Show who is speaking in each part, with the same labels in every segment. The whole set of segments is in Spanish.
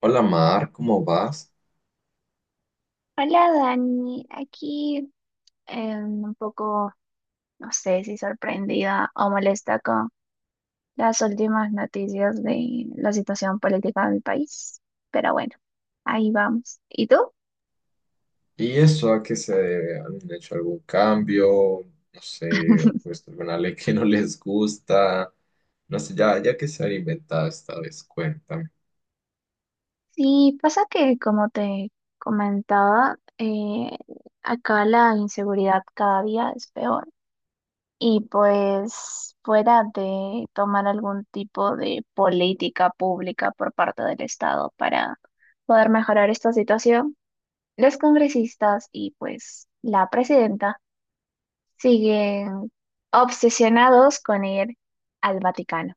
Speaker 1: Hola Mar, ¿cómo vas?
Speaker 2: Hola Dani, aquí, un poco, no sé si sorprendida o molesta con las últimas noticias de la situación política de mi país, pero bueno, ahí vamos. ¿Y tú?
Speaker 1: ¿Y eso a qué se debe? ¿Han hecho algún cambio? No sé, o puesto alguna ley que no les gusta. No sé, ya, ya que se han inventado esta vez, cuéntame.
Speaker 2: Sí, pasa que como te comentaba, acá la inseguridad cada día es peor y pues fuera de tomar algún tipo de política pública por parte del Estado para poder mejorar esta situación. Los congresistas y pues la presidenta siguen obsesionados con ir al Vaticano,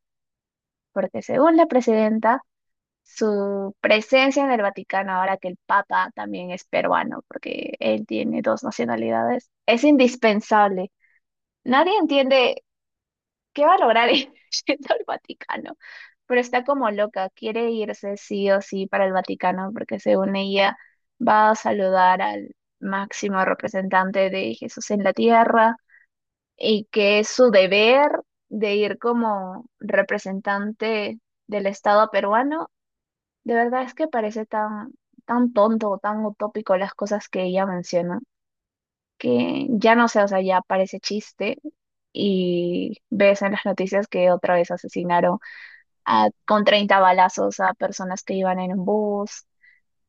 Speaker 2: porque según la presidenta, su presencia en el Vaticano, ahora que el Papa también es peruano, porque él tiene dos nacionalidades, es indispensable. Nadie entiende qué va a lograr yendo al Vaticano. Pero está como loca, quiere irse sí o sí para el Vaticano porque según ella va a saludar al máximo representante de Jesús en la tierra y que es su deber de ir como representante del Estado peruano. De verdad es que parece tan, tan tonto, tan utópico las cosas que ella menciona, que ya no sé, o sea, ya parece chiste. Y ves en las noticias que otra vez asesinaron con 30 balazos a personas que iban en un bus,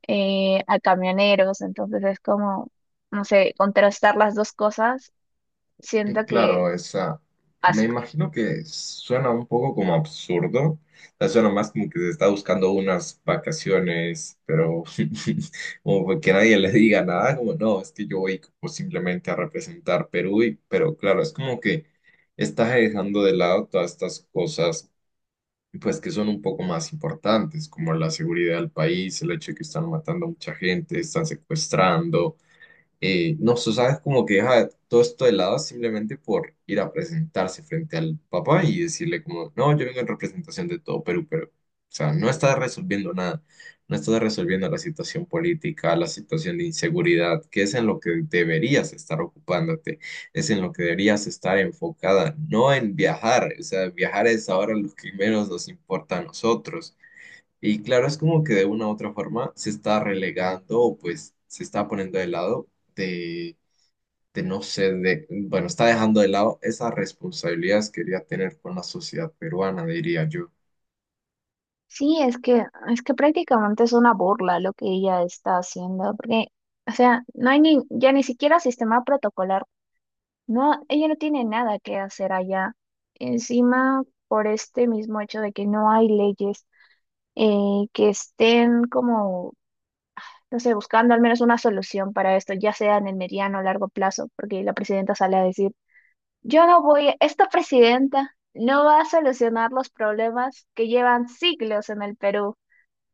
Speaker 2: a camioneros, entonces es como, no sé, contrastar las dos cosas,
Speaker 1: Y
Speaker 2: siento que
Speaker 1: claro, esa. Me
Speaker 2: asco.
Speaker 1: imagino que suena un poco como absurdo. O sea, suena más como que se está buscando unas vacaciones, pero como que nadie le diga nada, como no, es que yo voy como simplemente a representar Perú, y, pero claro, es como que estás dejando de lado todas estas cosas, pues que son un poco más importantes, como la seguridad del país, el hecho de que están matando a mucha gente, están secuestrando no sé, sabes, como que deja todo esto de lado simplemente por ir a presentarse frente al papá y decirle como, no, yo vengo en representación de todo Perú, pero, o sea, no está resolviendo nada, no está resolviendo la situación política, la situación de inseguridad, que es en lo que deberías estar ocupándote, es en lo que deberías estar enfocada, no en viajar, o sea, viajar es ahora lo que menos nos importa a nosotros. Y claro, es como que de una u otra forma se está relegando o pues se está poniendo de lado de, de no sé, de, bueno, está dejando de lado esas responsabilidades que quería tener con la sociedad peruana, diría yo.
Speaker 2: Sí, es que prácticamente es una burla lo que ella está haciendo, porque, o sea, no hay ni, ya ni siquiera sistema protocolar, no, ella no tiene nada que hacer allá. Encima, por este mismo hecho de que no hay leyes que estén como. Entonces, buscando al menos una solución para esto, ya sea en el mediano o largo plazo, porque la presidenta sale a decir, yo no voy, esta presidenta no va a solucionar los problemas que llevan siglos en el Perú.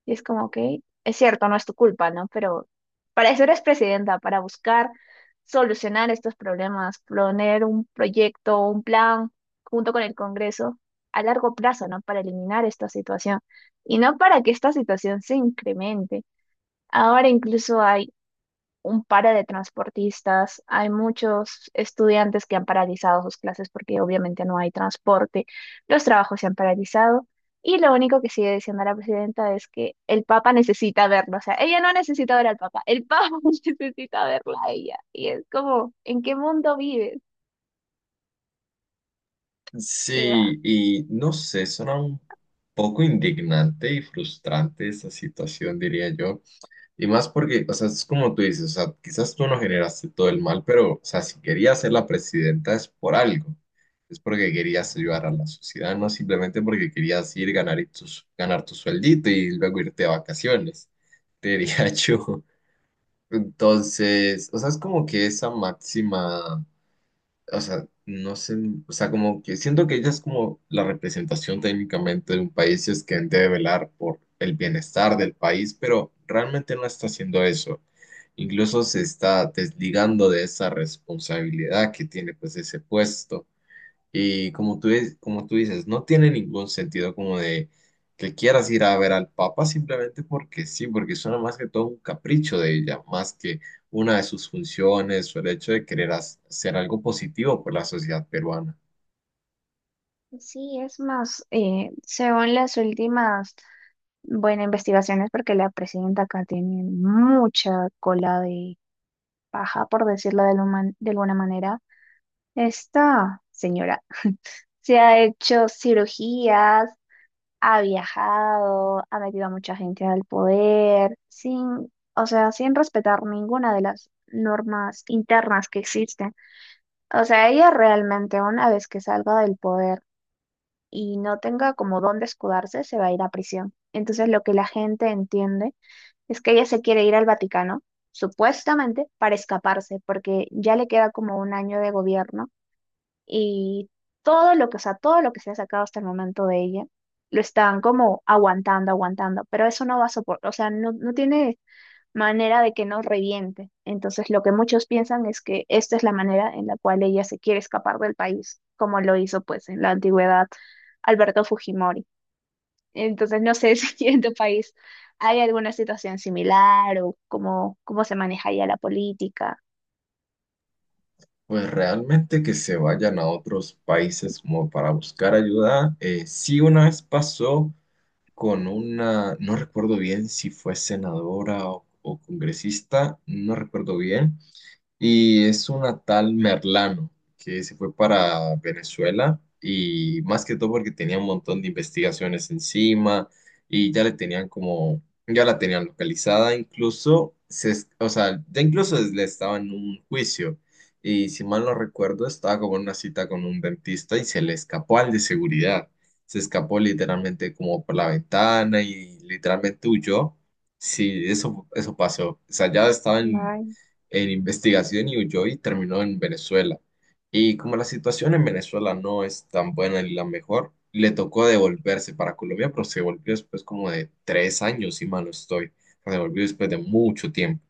Speaker 2: Y es como que, es cierto, no es tu culpa, ¿no? Pero para eso eres presidenta, para buscar solucionar estos problemas, poner un proyecto, un plan junto con el Congreso a largo plazo, ¿no? Para eliminar esta situación y no para que esta situación se incremente. Ahora incluso hay un paro de transportistas, hay muchos estudiantes que han paralizado sus clases porque obviamente no hay transporte, los trabajos se han paralizado y lo único que sigue diciendo la presidenta es que el Papa necesita verlo, o sea, ella no necesita ver al Papa, el Papa necesita verla a ella y es como, ¿en qué mundo vives? ¿Ella?
Speaker 1: Sí, y no sé, suena un poco indignante y frustrante esa situación, diría yo. Y más porque, o sea, es como tú dices, o sea, quizás tú no generaste todo el mal, pero, o sea, si querías ser la presidenta es por algo. Es porque querías ayudar a la sociedad, no simplemente porque querías ir ganar, y ganar tu sueldito y luego irte de vacaciones, te diría yo. Entonces, o sea, es como que esa máxima o sea, no sé, o sea, como que siento que ella es como la representación técnicamente de un país y es quien debe velar por el bienestar del país, pero realmente no está haciendo eso. Incluso se está desligando de esa responsabilidad que tiene pues ese puesto. Y como tú, como tú dices, no tiene ningún sentido como de que quieras ir a ver al Papa simplemente porque sí, porque suena más que todo un capricho de ella, más que una de sus funciones o el hecho de querer hacer algo positivo por la sociedad peruana.
Speaker 2: Sí, es más, según las últimas, bueno, investigaciones, porque la presidenta acá tiene mucha cola de paja, por decirlo de alguna manera. Esta señora se ha hecho cirugías, ha viajado, ha metido a mucha gente al poder, sin, o sea, sin respetar ninguna de las normas internas que existen. O sea, ella realmente una vez que salga del poder y no tenga como dónde escudarse, se va a ir a prisión. Entonces, lo que la gente entiende es que ella se quiere ir al Vaticano, supuestamente, para escaparse, porque ya le queda como un año de gobierno y todo lo que, o sea, todo lo que se ha sacado hasta el momento de ella, lo están como aguantando, aguantando, pero eso no va a soportar, o sea, no, no tiene manera de que no reviente. Entonces, lo que muchos piensan es que esta es la manera en la cual ella se quiere escapar del país, como lo hizo pues en la antigüedad Alberto Fujimori. Entonces, no sé si en tu país hay alguna situación similar o cómo se maneja ya la política.
Speaker 1: Pues realmente que se vayan a otros países como para buscar ayuda. Sí, una vez pasó con una, no recuerdo bien si fue senadora o congresista, no recuerdo bien. Y es una tal Merlano que se fue para Venezuela y más que todo porque tenía un montón de investigaciones encima y ya le tenían como, ya la tenían localizada, incluso, o sea, ya incluso le estaba en un juicio y si mal no recuerdo estaba como en una cita con un dentista y se le escapó al de seguridad, se escapó literalmente como por la ventana y literalmente huyó. Sí, eso pasó. O sea, ya estaban
Speaker 2: Vaya,
Speaker 1: en investigación y huyó y terminó en Venezuela. Y como la situación en Venezuela no es tan buena ni la mejor, le tocó devolverse para Colombia, pero se volvió después como de tres años, si mal no estoy. Se volvió después de mucho tiempo.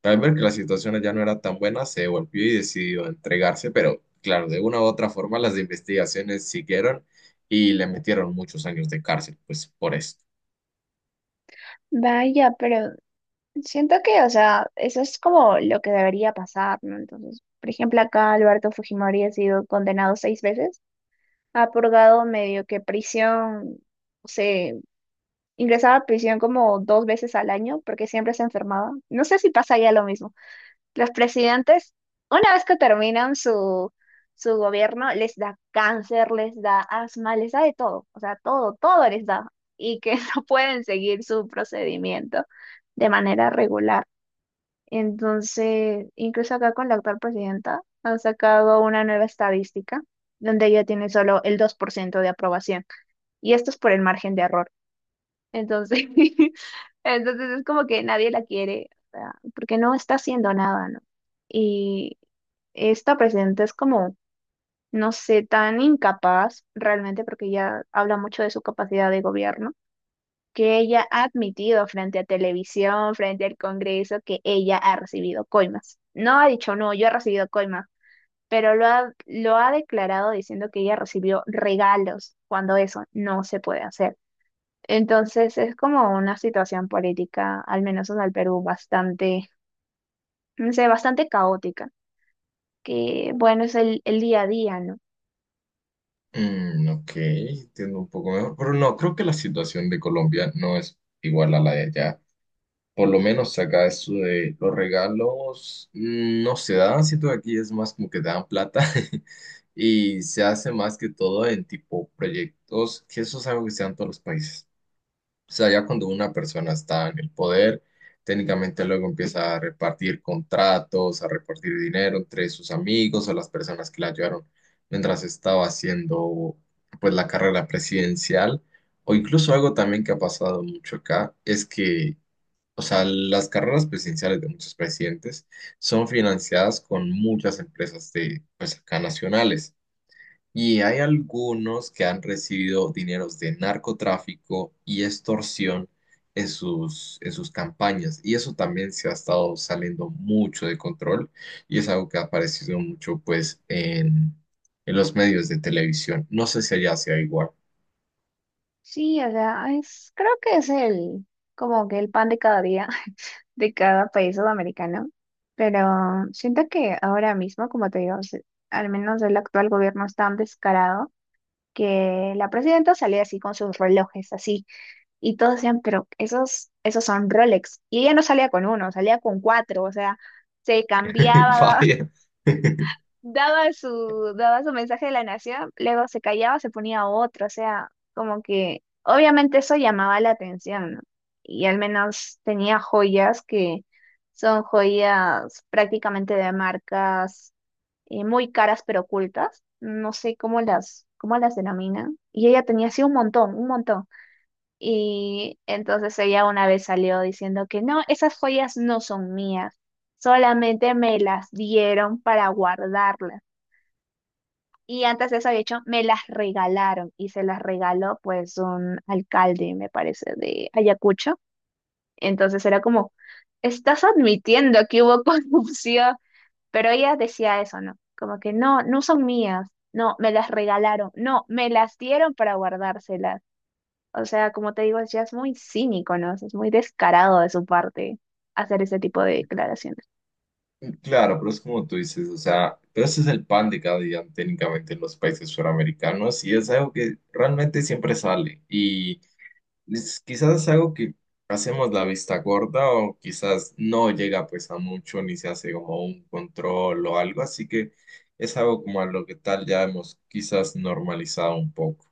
Speaker 1: Pero al ver que la situación allá no era tan buena, se devolvió y decidió entregarse, pero claro, de una u otra forma las investigaciones siguieron y le metieron muchos años de cárcel, pues por eso.
Speaker 2: vaya, pero siento que, o sea, eso es como lo que debería pasar, ¿no? Entonces, por ejemplo, acá Alberto Fujimori ha sido condenado 6 veces, ha purgado medio que prisión, o sea, ingresaba a prisión como 2 veces al año porque siempre se enfermaba. No sé si pasa ya lo mismo. Los presidentes, una vez que terminan su gobierno, les da cáncer, les da asma, les da de todo, o sea, todo, todo les da y que no pueden seguir su procedimiento de manera regular. Entonces, incluso acá con la actual presidenta han sacado una nueva estadística donde ella tiene solo el 2% de aprobación. Y esto es por el margen de error. Entonces, entonces es como que nadie la quiere, o sea, porque no está haciendo nada, ¿no? Y esta presidenta es como, no sé, tan incapaz realmente porque ella habla mucho de su capacidad de gobierno que ella ha admitido frente a televisión, frente al Congreso, que ella ha recibido coimas. No ha dicho, no, yo he recibido coimas, pero lo ha declarado diciendo que ella recibió regalos cuando eso no se puede hacer. Entonces es como una situación política, al menos en el Perú, bastante, no sé, bastante caótica, que bueno, es el día a día, ¿no?
Speaker 1: Mm, ok, entiendo un poco mejor, pero no, creo que la situación de Colombia no es igual a la de allá. Por lo menos acá eso de los regalos no se dan, siento que aquí es más como que te dan plata y se hace más que todo en tipo proyectos, que eso es algo que se dan en todos los países. O sea, ya cuando una persona está en el poder, técnicamente luego empieza a repartir contratos, a repartir dinero entre sus amigos o las personas que la ayudaron mientras estaba haciendo pues la carrera presidencial. O incluso algo también que ha pasado mucho acá es que, o sea, las carreras presidenciales de muchos presidentes son financiadas con muchas empresas de pues acá nacionales. Y hay algunos que han recibido dineros de narcotráfico y extorsión en sus campañas. Y eso también se ha estado saliendo mucho de control y es algo que ha aparecido mucho pues en los medios de televisión. No sé si allá sea igual.
Speaker 2: Sí, o sea, es, creo que es como que el pan de cada día. De cada país sudamericano, pero siento que ahora mismo, como te digo, al menos el actual gobierno es tan descarado que la presidenta salía así con sus relojes, así, y todos decían, pero esos son Rolex, y ella no salía con uno, salía con cuatro, o sea, se cambiaba,
Speaker 1: Vaya.
Speaker 2: daba su mensaje de la nación, luego se callaba, se ponía otro, o sea, como que obviamente eso llamaba la atención, ¿no? Y al menos tenía joyas que son joyas prácticamente de marcas muy caras pero ocultas, no sé cómo las denominan, y ella tenía así un montón, un montón. Y entonces ella una vez salió diciendo que no, esas joyas no son mías, solamente me las dieron para guardarlas. Y antes de eso, de hecho, me las regalaron y se las regaló pues un alcalde, me parece, de Ayacucho. Entonces era como, estás admitiendo que hubo corrupción, pero ella decía eso, ¿no? Como que no, no son mías, no, me las regalaron, no, me las dieron para guardárselas. O sea, como te digo, ya es muy cínico, ¿no? Es muy descarado de su parte hacer ese tipo de declaraciones.
Speaker 1: Claro, pero es como tú dices, o sea, pero ese es el pan de cada día técnicamente en los países suramericanos y es algo que realmente siempre sale. Y es quizás algo que hacemos la vista gorda o quizás no llega pues a mucho ni se hace como un control o algo, así que es algo como a lo que tal ya hemos quizás normalizado un poco.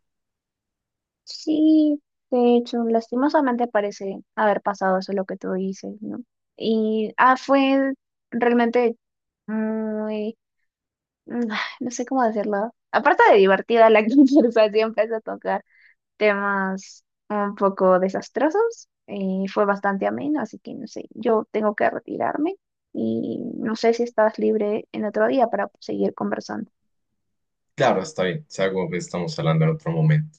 Speaker 2: Sí, de hecho, lastimosamente parece haber pasado eso lo que tú dices, ¿no? Y fue realmente muy, mm, no sé cómo decirlo. Aparte de divertida, la conversación empezó a tocar temas un poco desastrosos y fue bastante ameno, así que no sé, yo tengo que retirarme y no sé si estás libre en otro día para seguir conversando.
Speaker 1: Claro, está bien, es algo que estamos hablando en otro momento.